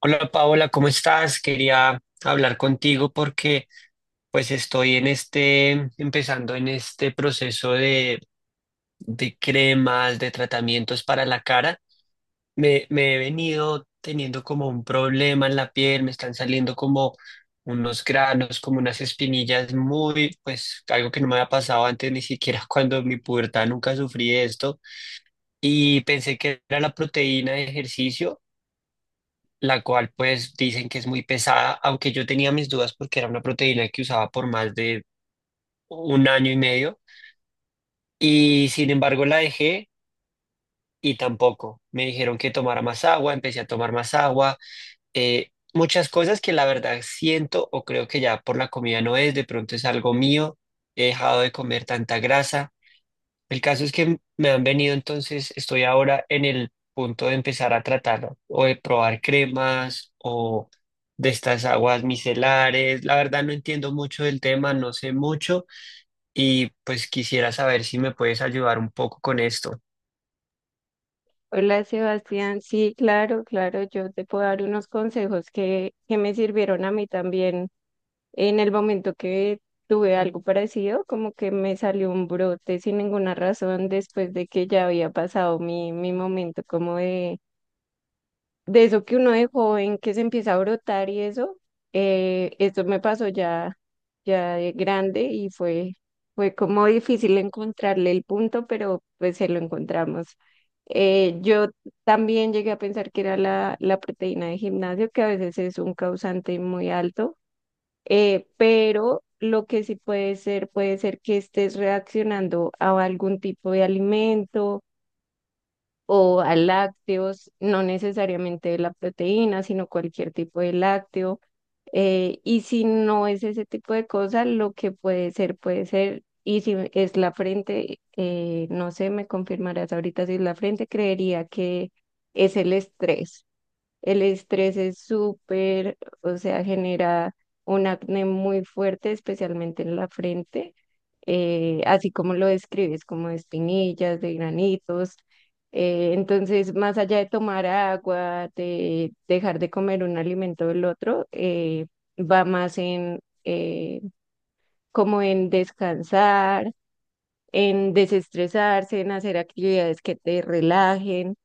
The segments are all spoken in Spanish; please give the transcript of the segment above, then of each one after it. Hola Paola, ¿cómo estás? Quería hablar contigo porque pues estoy empezando en este proceso de cremas, de tratamientos para la cara. Me he venido teniendo como un problema en la piel, me están saliendo como unos granos, como unas espinillas pues algo que no me había pasado antes, ni siquiera cuando en mi pubertad nunca sufrí esto. Y pensé que era la proteína de ejercicio, la cual pues dicen que es muy pesada, aunque yo tenía mis dudas porque era una proteína que usaba por más de un año y medio, y sin embargo la dejé y tampoco. Me dijeron que tomara más agua, empecé a tomar más agua, eh, muchas cosas que la verdad siento o creo que ya por la comida no es, de pronto es algo mío, he dejado de comer tanta grasa. El caso es que me han venido, entonces estoy ahora en el punto de empezar a tratarlo o de probar cremas o de estas aguas micelares. La verdad no entiendo mucho del tema, no sé mucho y pues quisiera saber si me puedes ayudar un poco con esto. Hola Sebastián, sí, claro, claro, yo te puedo dar unos consejos que me sirvieron a mí también en el momento que tuve algo parecido, como que me salió un brote sin ninguna razón después de que ya había pasado mi momento como de eso que uno de joven que se empieza a brotar y eso, esto me pasó ya, ya de grande y fue como difícil encontrarle el punto, pero pues se lo encontramos. Yo también llegué a pensar que era la proteína de gimnasio, que a veces es un causante muy alto, pero lo que sí puede ser que estés reaccionando a algún tipo de alimento o a lácteos, no necesariamente de la proteína, sino cualquier tipo de lácteo. Y si no es ese tipo de cosas, lo que puede ser, puede ser. Y si es la frente, no sé, me confirmarás ahorita si es la frente, creería que es el estrés. El estrés es súper, o sea, genera un acné muy fuerte, especialmente en la frente, así como lo describes, como de espinillas, de granitos. Entonces, más allá de tomar agua, de dejar de comer un alimento del otro, va más en como en descansar, en desestresarse, en hacer actividades que te relajen.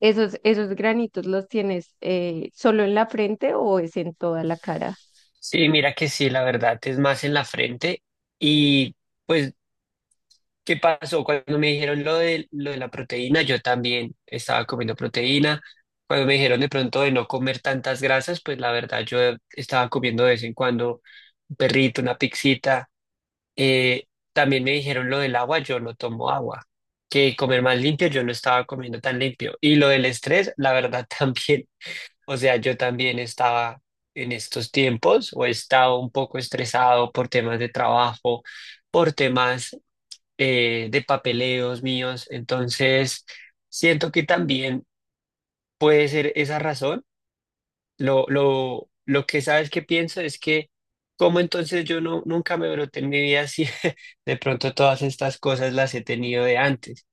Esos granitos los tienes solo en la frente o es en toda la cara? Sí, mira que sí, la verdad es más en la frente y pues, ¿qué pasó? Cuando me dijeron lo de, la proteína, yo también estaba comiendo proteína. Cuando me dijeron de pronto de no comer tantas grasas, pues la verdad yo estaba comiendo de vez en cuando un perrito, una pixita. Eh, También me dijeron lo del agua, yo no tomo agua. Que comer más limpio, yo no estaba comiendo tan limpio. Y lo del estrés, la verdad también. O sea, yo también estaba en estos tiempos, o he estado un poco estresado por temas de trabajo, por temas de papeleos míos. Entonces, siento que también puede ser esa razón. Lo que sabes que pienso es que, como entonces yo no, nunca me broté en mi vida, si de pronto todas estas cosas las he tenido de antes.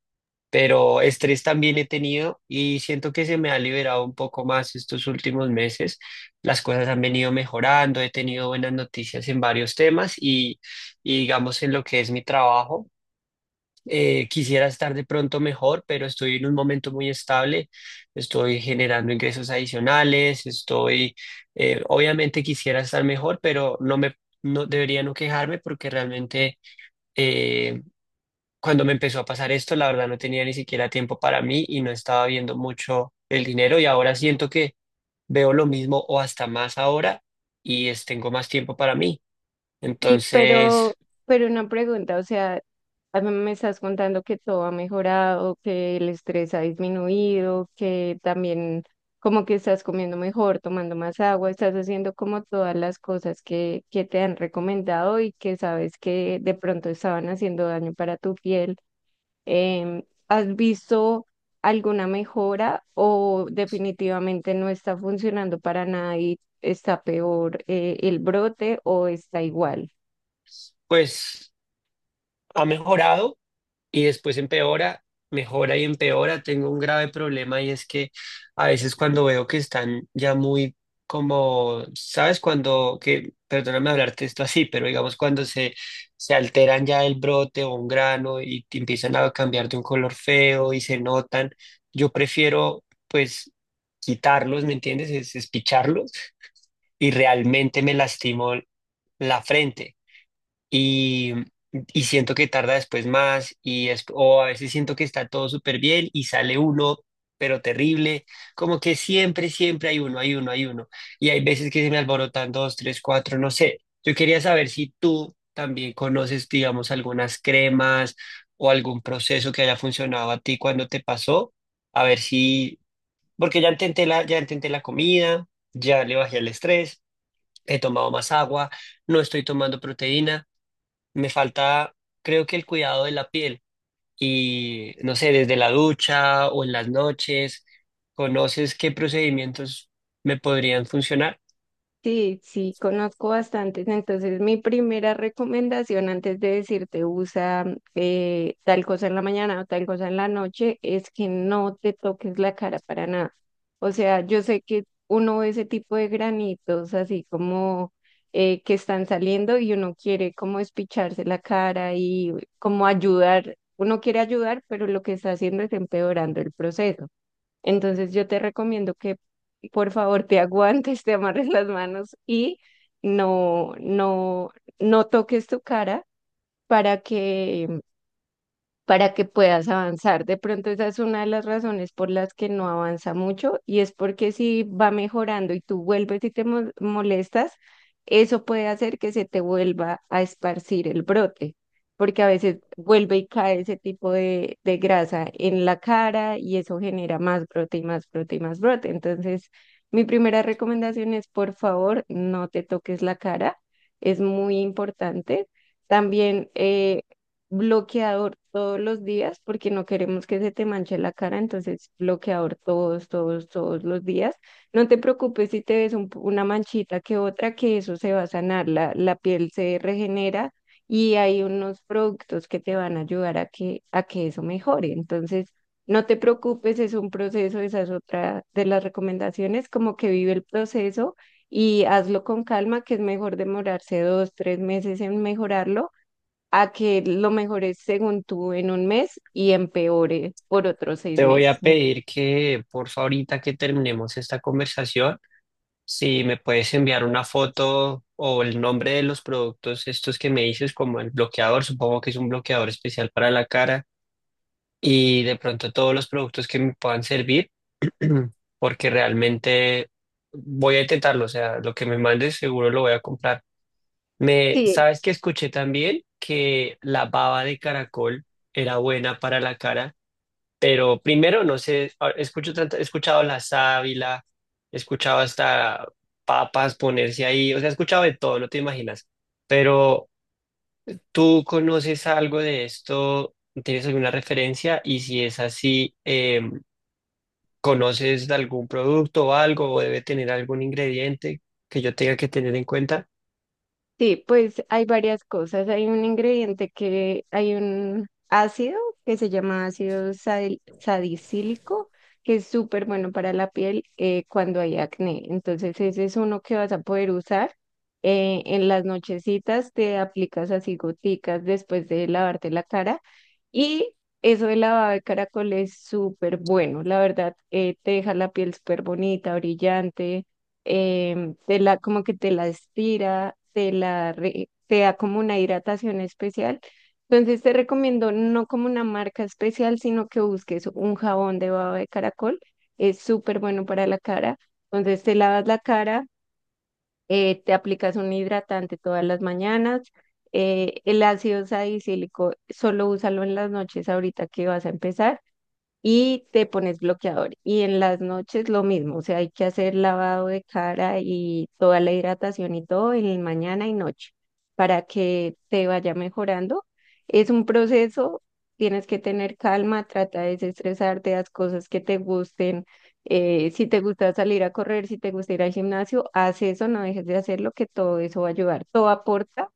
Pero estrés también he tenido y siento que se me ha liberado un poco más estos últimos meses. Las cosas han venido mejorando, he tenido buenas noticias en varios temas y digamos en lo que es mi trabajo. Quisiera estar de pronto mejor, pero estoy en un momento muy estable, estoy generando ingresos adicionales, obviamente quisiera estar mejor, pero no me, no debería no quejarme porque realmente, eh, cuando me empezó a pasar esto, la verdad no tenía ni siquiera tiempo para mí y no estaba viendo mucho el dinero, y ahora siento que veo lo mismo o hasta más ahora y tengo más tiempo para mí. Y Entonces, pero una pregunta, o sea, a mí me estás contando que todo ha mejorado, que el estrés ha disminuido, que también como que estás comiendo mejor, tomando más agua, estás haciendo como todas las cosas que te han recomendado y que sabes que de pronto estaban haciendo daño para tu piel. Em, ¿Has visto alguna mejora o definitivamente no está funcionando para nada y está peor el brote o está igual? pues ha mejorado y después empeora, mejora y empeora. Tengo un grave problema y es que a veces cuando veo que están ya muy como, ¿sabes? Perdóname hablarte esto así, pero digamos cuando se alteran ya el brote o un grano y te empiezan a cambiar de un color feo y se notan, yo prefiero pues quitarlos, ¿me entiendes? Es picharlos, y realmente me lastimó la frente y, y siento que tarda después más y es, o a veces siento que está todo súper bien y sale uno, pero terrible, como que siempre, siempre hay uno, hay uno, hay uno. Y hay veces que se me alborotan dos, tres, cuatro, no sé. Yo quería saber si tú también conoces, digamos, algunas cremas o algún proceso que haya funcionado a ti cuando te pasó, a ver si, porque ya intenté la comida, ya le bajé el estrés, he tomado más agua, no estoy tomando proteína, me falta, creo que el cuidado de la piel y no sé, desde la ducha o en las noches, ¿conoces qué procedimientos me podrían funcionar? Sí, sí, conozco bastantes. Entonces, mi primera recomendación antes de decirte usa tal cosa en la mañana o tal cosa en la noche es que no te toques la cara para nada. O sea, yo sé que uno ve ese tipo de granitos así como que están saliendo y uno quiere como espicharse la cara y como ayudar. Uno quiere ayudar, pero lo que está haciendo es empeorando el proceso. Entonces yo te recomiendo que por favor te aguantes, te amarres las manos y no, no, no toques tu cara para que para que puedas avanzar. De pronto esa es una de las razones por las que no avanza mucho y es porque si va mejorando y tú vuelves y te molestas, eso puede hacer que se te vuelva a esparcir el brote, porque a veces vuelve y cae ese tipo de grasa en la cara y eso genera más brote y más brote y más brote. Entonces, mi primera recomendación es, por favor, no te toques la cara. Es muy importante. También bloqueador todos los días porque no queremos que se te manche la cara, entonces bloqueador todos, todos, todos los días. No te preocupes si te ves una manchita que otra, que eso se va a sanar, la piel se regenera y hay unos productos que te van a ayudar a a que eso mejore. Entonces, no te preocupes, es un proceso, esa es otra de las recomendaciones, como que vive el proceso. Y hazlo con calma, que es mejor demorarse 2, 3 meses en mejorarlo a que lo mejores según tú en un mes y empeore por otros seis Te voy a meses. pedir que, por favor, ahorita que terminemos esta conversación, si me puedes enviar una foto o el nombre de los productos estos que me dices, como el bloqueador, supongo que es un bloqueador especial para la cara, y de pronto todos los productos que me puedan servir, porque realmente voy a intentarlo, o sea, lo que me mandes seguro lo voy a comprar. Sí. ¿Sabes que escuché también? Que la baba de caracol era buena para la cara, pero primero no sé, he escuchado la sábila, he escuchado hasta papas ponerse ahí, o sea, he escuchado de todo, no te imaginas, pero ¿tú conoces algo de esto? ¿Tienes alguna referencia? Y si es así, em, ¿conoces de algún producto o algo, o debe tener algún ingrediente que yo tenga que tener en cuenta? Sí, pues hay varias cosas. Hay un ingrediente que, hay un ácido que se llama ácido salicílico, que es súper bueno para la piel cuando hay acné. Entonces ese es uno que vas a poder usar. En las nochecitas te aplicas así goticas después de lavarte la cara y eso de lavado de caracol es súper bueno. La verdad, te deja la piel súper bonita, brillante. Te como que te la estira, te la te da como una hidratación especial. Entonces te recomiendo no como una marca especial, sino que busques un jabón de baba de caracol. Es súper bueno para la cara. Entonces te lavas la cara, te aplicas un hidratante todas las mañanas. El ácido salicílico solo úsalo en las noches ahorita que vas a empezar y te pones bloqueador. Y en las noches lo mismo, o sea, hay que hacer lavado de cara y toda la hidratación y todo en el mañana y noche para que te vaya mejorando. Es un proceso, tienes que tener calma, trata de desestresarte, haz cosas que te gusten. Si te gusta salir a correr, si te gusta ir al gimnasio, haz eso, no dejes de hacerlo, que todo eso va a ayudar. Todo aporta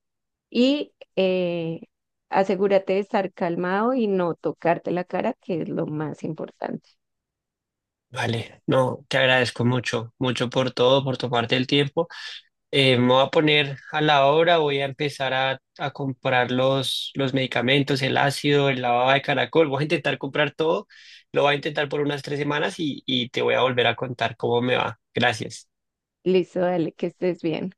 y asegúrate de estar calmado y no tocarte la cara, que es lo más importante. Vale, no, te agradezco mucho, mucho por todo, por tomarte el tiempo. Me voy a poner a la obra, voy a empezar a comprar los medicamentos, el ácido, el lavado de caracol, voy a intentar comprar todo, lo voy a intentar por unas 3 semanas y te voy a volver a contar cómo me va. Gracias. Listo, dale, que estés bien.